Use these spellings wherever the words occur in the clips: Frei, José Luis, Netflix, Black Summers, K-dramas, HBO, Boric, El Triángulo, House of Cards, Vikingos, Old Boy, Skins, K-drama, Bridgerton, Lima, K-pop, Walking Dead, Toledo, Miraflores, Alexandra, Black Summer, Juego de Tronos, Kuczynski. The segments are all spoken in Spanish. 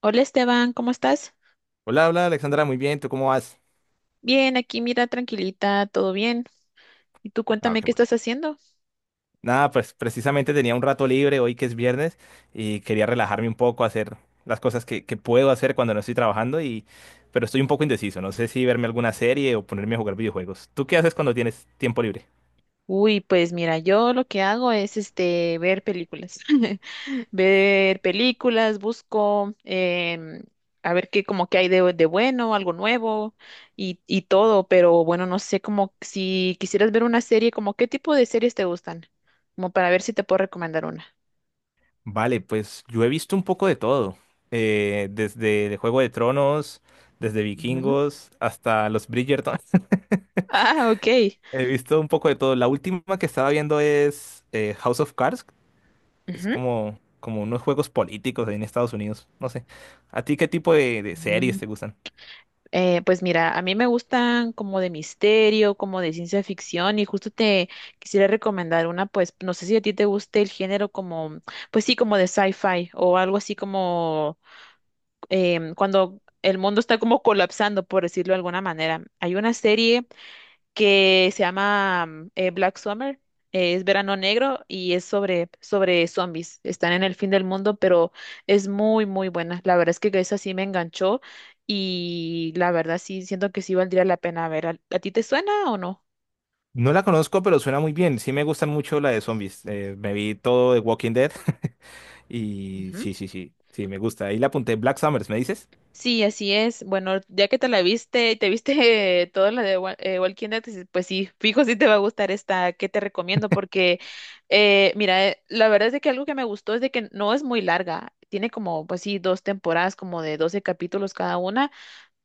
Hola Esteban, ¿cómo estás? Hola, hola Alexandra, muy bien, ¿tú cómo vas? Bien, aquí mira, tranquilita, todo bien. Y tú Ah, cuéntame qué qué bueno. estás haciendo. Nada, pues precisamente tenía un rato libre hoy que es viernes y quería relajarme un poco, hacer las cosas que puedo hacer cuando no estoy trabajando y pero estoy un poco indeciso, no sé si verme alguna serie o ponerme a jugar videojuegos. ¿Tú qué haces cuando tienes tiempo libre? Uy, pues mira, yo lo que hago es este ver películas. Ver películas, busco a ver qué como que hay de bueno, algo nuevo y todo, pero bueno, no sé como si quisieras ver una serie, como qué tipo de series te gustan, como para ver si te puedo recomendar una. Vale, pues yo he visto un poco de todo, desde el Juego de Tronos, desde Ujú. Vikingos hasta los Bridgerton. Ah, ok. He visto un poco de todo. La última que estaba viendo es House of Cards. Es como, como unos juegos políticos ahí en Estados Unidos. No sé. ¿A ti qué tipo de series Ujú. te gustan? Pues mira, a mí me gustan como de misterio, como de ciencia ficción y justo te quisiera recomendar una, pues no sé si a ti te guste el género como, pues sí, como de sci-fi o algo así como cuando el mundo está como colapsando, por decirlo de alguna manera. Hay una serie que se llama Black Summer, es verano negro y es sobre zombies. Están en el fin del mundo, pero es muy, muy buena. La verdad es que esa sí me enganchó y la verdad sí siento que sí valdría la pena ver. A ti te suena o no? No la conozco, pero suena muy bien. Sí me gustan mucho la de zombies. Me vi todo de Walking Dead y sí, sí, sí, sí, me gusta. Ahí la apunté. Black Summers, ¿me dices? Sí, así es. Bueno, ya que te la viste, te viste toda la de Walking Dead, dices, pues sí, fijo si te va a gustar esta que te recomiendo porque, la verdad es de que algo que me gustó es de que no es muy larga. Tiene como, pues sí, 2 temporadas como de 12 capítulos cada una,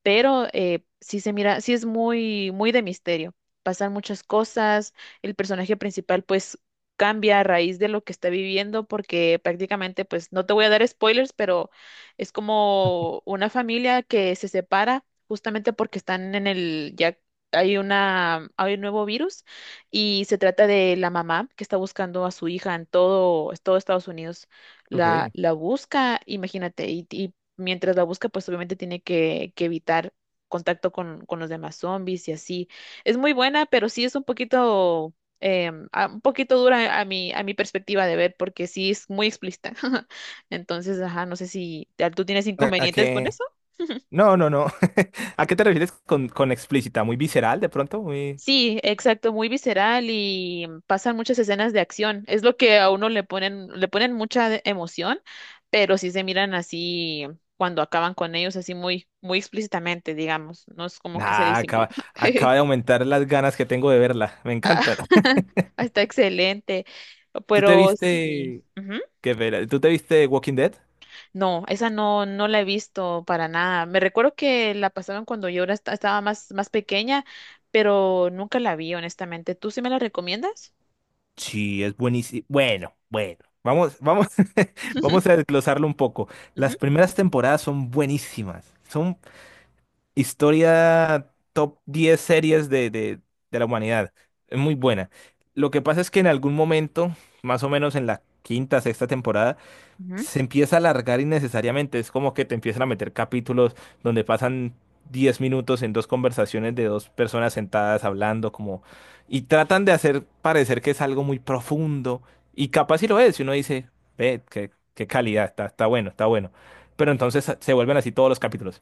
pero sí se mira, sí es muy, muy de misterio. Pasan muchas cosas, el personaje principal pues cambia a raíz de lo que está viviendo, porque prácticamente pues no te voy a dar spoilers, pero es como una familia que se separa justamente porque están en ya hay hay un nuevo virus y se trata de la mamá que está buscando a su hija en todo, es todo Estados Unidos. Ok. La busca, imagínate, y mientras la busca, pues obviamente tiene que evitar contacto con los demás zombies y así. Es muy buena, pero sí es un poquito, un poquito dura a a mi perspectiva de ver, porque sí es muy explícita. Entonces, ajá, no sé si ¿tú tienes A inconvenientes con qué? eso? No, no, no. ¿A qué te refieres con explícita? ¿Muy visceral de pronto? Muy... Sí, exacto, muy visceral y pasan muchas escenas de acción. Es lo que a uno le ponen mucha emoción, pero sí se miran así cuando acaban con ellos, así muy, muy explícitamente, digamos. No es como que se Nah, disimula. acaba de aumentar las ganas que tengo de verla. Me encanta. Ah, está excelente, ¿Tú te pero sí, viste... ujú. ¿Qué pena? ¿Tú te viste Walking Dead? No, esa no, no la he visto para nada. Me recuerdo que la pasaron cuando estaba más, más pequeña, pero nunca la vi, honestamente. ¿Tú sí me la recomiendas? Sí, es buenísimo. Bueno, bueno, vamos, vamos, vamos a desglosarlo un poco. Ujú. Las primeras temporadas son buenísimas. Son historia top 10 series de la humanidad. Es muy buena. Lo que pasa es que en algún momento, más o menos en la quinta, sexta temporada, Ujú. se empieza a alargar innecesariamente. Es como que te empiezan a meter capítulos donde pasan 10 minutos en dos conversaciones de dos personas sentadas hablando, como, y tratan de hacer parecer que es algo muy profundo. Y capaz si lo es, y uno dice, ve, qué, qué calidad, está, está bueno, está bueno. Pero entonces se vuelven así todos los capítulos.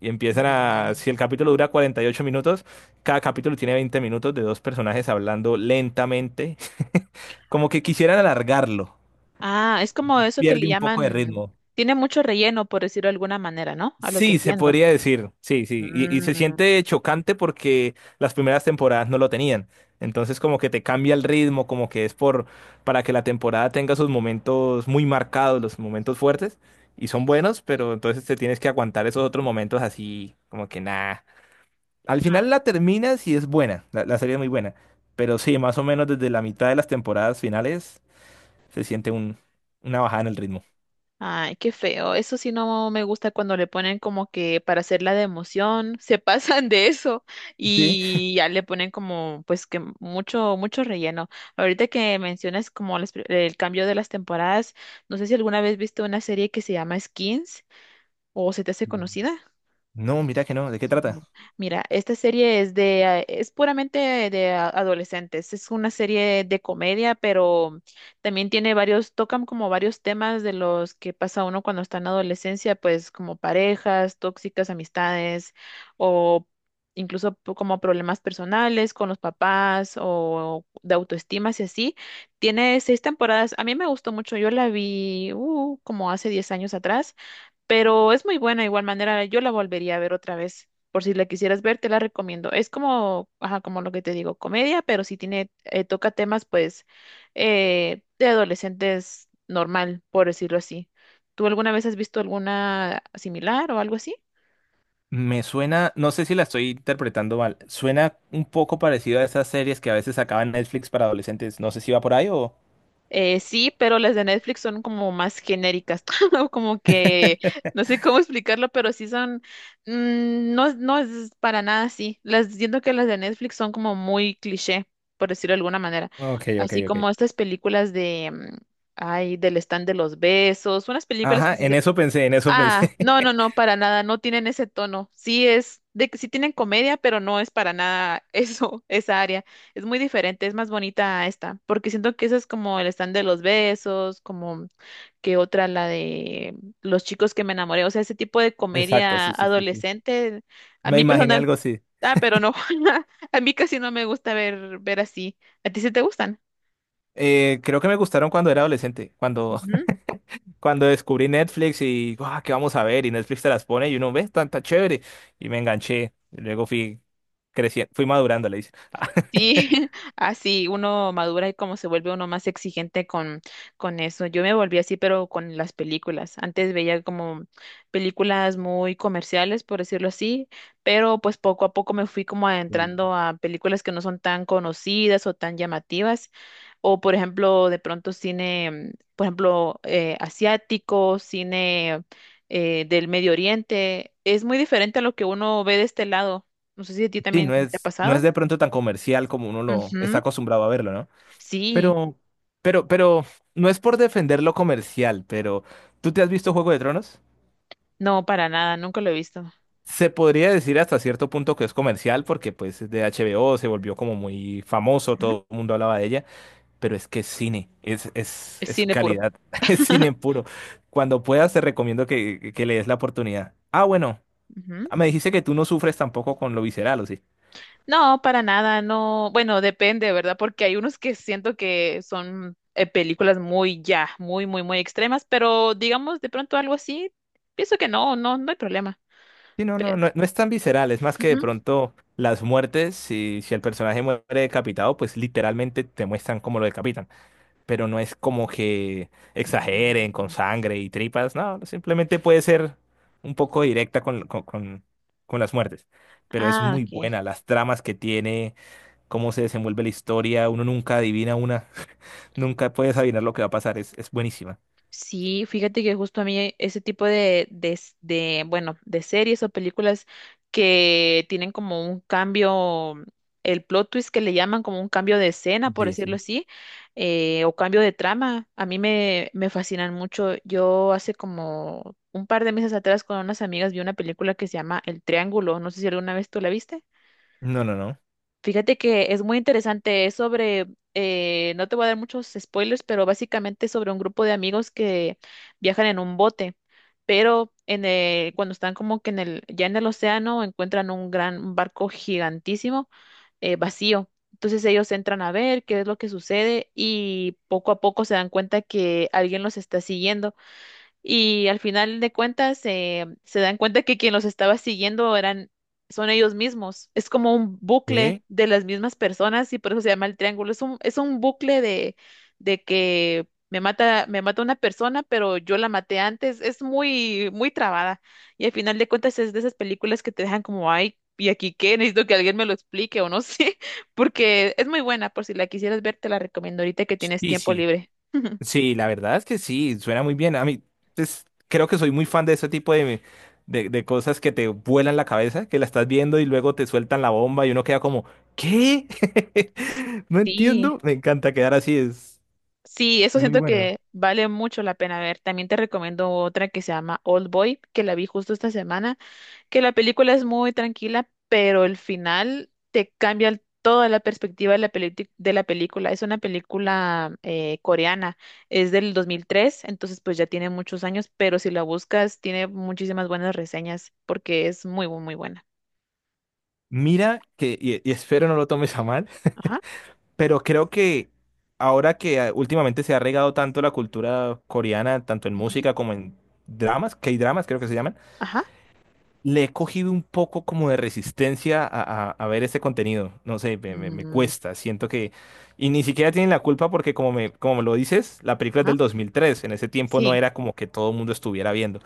Y empiezan a, Mm. si el capítulo dura 48 minutos, cada capítulo tiene 20 minutos de dos personajes hablando lentamente, como que quisieran alargarlo. Ah, es como eso que le Pierde un poco de llaman, ritmo. tiene mucho relleno, por decirlo de alguna manera, ¿no? A lo que Sí, se entiendo. podría decir, sí, sí, y se Mm. siente chocante porque las primeras temporadas no lo tenían, entonces como que te cambia el ritmo, como que es por, para que la temporada tenga sus momentos muy marcados, los momentos fuertes, y son buenos, pero entonces te tienes que aguantar esos otros momentos así, como que nada. Al Ah. final la terminas y es buena, la serie es muy buena, pero sí, más o menos desde la mitad de las temporadas finales se siente un, una bajada en el ritmo. Ay, qué feo. Eso sí no me gusta cuando le ponen como que para hacerla de emoción, se pasan de eso Sí. y ya le ponen como pues que mucho, mucho relleno. Ahorita que mencionas como las el cambio de las temporadas, no sé si alguna vez viste una serie que se llama Skins o se te hace Mm. conocida. No, mira que no, ¿de qué trata? No. Mira, esta serie es puramente de adolescentes. Es una serie de comedia, pero también tiene varios, tocan como varios temas de los que pasa uno cuando está en la adolescencia, pues como parejas, tóxicas, amistades, o incluso como problemas personales con los papás o de autoestima y así. Tiene 6 temporadas. A mí me gustó mucho. Yo la vi como hace 10 años atrás, pero es muy buena de igual manera, yo la volvería a ver otra vez. Por si la quisieras ver, te la recomiendo. Es como, ajá, como lo que te digo, comedia, pero sí tiene, toca temas, pues, de adolescentes normal, por decirlo así. ¿Tú alguna vez has visto alguna similar o algo así? Me suena, no sé si la estoy interpretando mal, suena un poco parecido a esas series que a veces sacaban Netflix para adolescentes. No sé si va por ahí o... Sí, pero las de Netflix son como más genéricas, ¿no? Como que no sé cómo explicarlo, pero sí son, no, no es para nada así. Las siento que las de Netflix son como muy cliché, por decirlo de alguna manera. Ok, ok, Así como ok. estas películas de, ay, del stand de los besos, unas películas Ajá, que en se eso pensé, en eso Ah, pensé. no, no, no, para nada, no tienen ese tono. Sí es de que sí tienen comedia, pero no es para nada eso, esa área. Es muy diferente, es más bonita a esta, porque siento que esa es como el stand de los besos, como que otra la de los chicos que me enamoré, o sea, ese tipo de Exacto, comedia sí, sí, sí, sí. adolescente, a Me mí imaginé personal, algo así. ah, pero no, a mí casi no me gusta ver así. ¿A ti sí te gustan? Creo que me gustaron cuando era adolescente, cuando, cuando descubrí Netflix y, "Guau, ¿qué vamos a ver? Y Netflix te las pone y uno ve, tanta chévere. Y me enganché. Y luego fui creciendo, fui madurando, le dice. Sí, así uno madura y como se vuelve uno más exigente con eso. Yo me volví así, pero con las películas. Antes veía como películas muy comerciales, por decirlo así, pero pues poco a poco me fui como adentrando a películas que no son tan conocidas o tan llamativas, o por ejemplo, de pronto cine, por ejemplo, asiático, cine del Medio Oriente. Es muy diferente a lo que uno ve de este lado. No sé si a ti Sí, también no te ha es, no es pasado. de pronto tan comercial como uno lo está acostumbrado a verlo, ¿no? Sí, Pero, pero, no es por defender lo comercial, pero ¿tú te has visto Juego de Tronos? no, para nada, nunca lo he visto. Se podría decir hasta cierto punto que es comercial porque pues es de HBO, se volvió como muy famoso, Ujú. todo el mundo hablaba de ella, pero es que es cine, Es es cine puro. calidad, es cine puro. Cuando puedas te recomiendo que le des la oportunidad. Ah, bueno, Ujú. me dijiste que tú no sufres tampoco con lo visceral, ¿o sí? No, para nada, no. Bueno, depende, ¿verdad? Porque hay unos que siento que son películas muy ya, muy, muy, muy extremas, pero digamos de pronto algo así, pienso que no, no, no hay problema. Sí, no, Pe- no, no, no es tan visceral, es más que de Ujú. pronto las muertes, si, si el personaje muere decapitado, pues literalmente te muestran cómo lo decapitan, pero no es como que exageren con Mm. sangre y tripas, no, simplemente puede ser un poco directa con las muertes, pero es Ah, muy ok. buena, las tramas que tiene, cómo se desenvuelve la historia, uno nunca adivina una, nunca puedes adivinar lo que va a pasar, es buenísima. Sí, fíjate que justo a mí ese tipo de, bueno, de series o películas que tienen como un cambio, el plot twist que le llaman como un cambio de escena, por Sí, decirlo sí. así, o cambio de trama, a mí me fascinan mucho. Yo hace como un par de meses atrás con unas amigas vi una película que se llama El Triángulo, no sé si alguna vez tú la viste. No, no, no. Fíjate que es muy interesante, es sobre, no te voy a dar muchos spoilers, pero básicamente es sobre un grupo de amigos que viajan en un bote, pero en cuando están como que en ya en el océano encuentran un barco gigantísimo vacío. Entonces ellos entran a ver qué es lo que sucede y poco a poco se dan cuenta que alguien los está siguiendo y al final de cuentas se dan cuenta que quien los estaba siguiendo son ellos mismos. Es como un bucle ¿Qué? de las mismas personas y por eso se llama el triángulo. Es un bucle de que me mata una persona, pero yo la maté antes. Es muy, muy trabada. Y al final de cuentas es de esas películas que te dejan como, ay, ¿y aquí qué? Necesito que alguien me lo explique o no sé, porque es muy buena. Por si la quisieras ver, te la recomiendo ahorita que tienes Sí, tiempo sí. libre. Sí, la verdad es que sí, suena muy bien. A mí, pues, creo que soy muy fan de ese tipo de cosas que te vuelan la cabeza, que la estás viendo y luego te sueltan la bomba y uno queda como, ¿qué? No Sí. entiendo. Me encanta quedar así, Sí, eso es muy siento bueno. que vale mucho la pena ver. También te recomiendo otra que se llama Old Boy, que la vi justo esta semana, que la película es muy tranquila, pero el final te cambia toda la perspectiva de la de la película. Es una película coreana, es del 2003, entonces pues ya tiene muchos años, pero si la buscas tiene muchísimas buenas reseñas porque es muy, muy buena. Mira que, y espero no lo tomes a mal, Ajá. pero creo que ahora que ah, últimamente se ha regado tanto la cultura coreana, tanto en Ujú. música como en dramas, K-dramas creo que se llaman, Ajá. le he cogido un poco como de resistencia a ver este contenido. No sé, me- me mm, cuesta. Siento que... Y ni siquiera tienen la culpa porque como me lo dices, la película es ajá. del 2003. En ese tiempo no Sí. era como que todo el mundo estuviera viendo.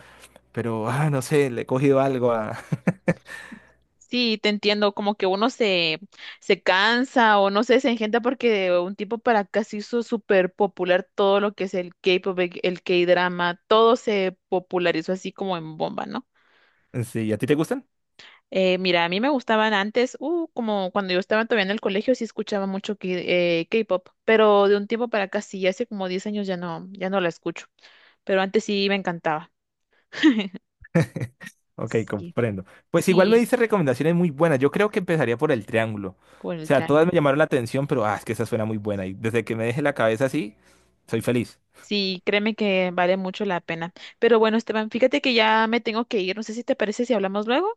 Pero, ah, no sé, le he cogido algo a... Sí, te entiendo, como que uno se, se cansa o no sé, se engenta porque de un tiempo para acá se hizo súper popular todo lo que es el K-pop, el K-drama, todo se popularizó así como en bomba, ¿no? Sí, ¿a ti te gustan? Mira, a mí me gustaban antes, como cuando yo estaba todavía en el colegio sí escuchaba mucho K-pop, pero de un tiempo para acá sí, hace como 10 años ya no, ya no la escucho, pero antes sí me encantaba. Ok, Sí, comprendo. Pues igual me sí, diste recomendaciones muy buenas. Yo creo que empezaría por el triángulo. O por el sea, todas triángulo. me llamaron la atención, pero ah, es que esa suena muy buena. Y desde que me deje la cabeza así, soy feliz. Sí, créeme que vale mucho la pena. Pero bueno, Esteban, fíjate que ya me tengo que ir. No sé si te parece si hablamos luego.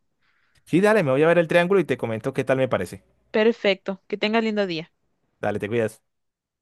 Sí, dale, me voy a ver el triángulo y te comento qué tal me parece. Perfecto. Que tengas lindo día. Dale, te cuidas.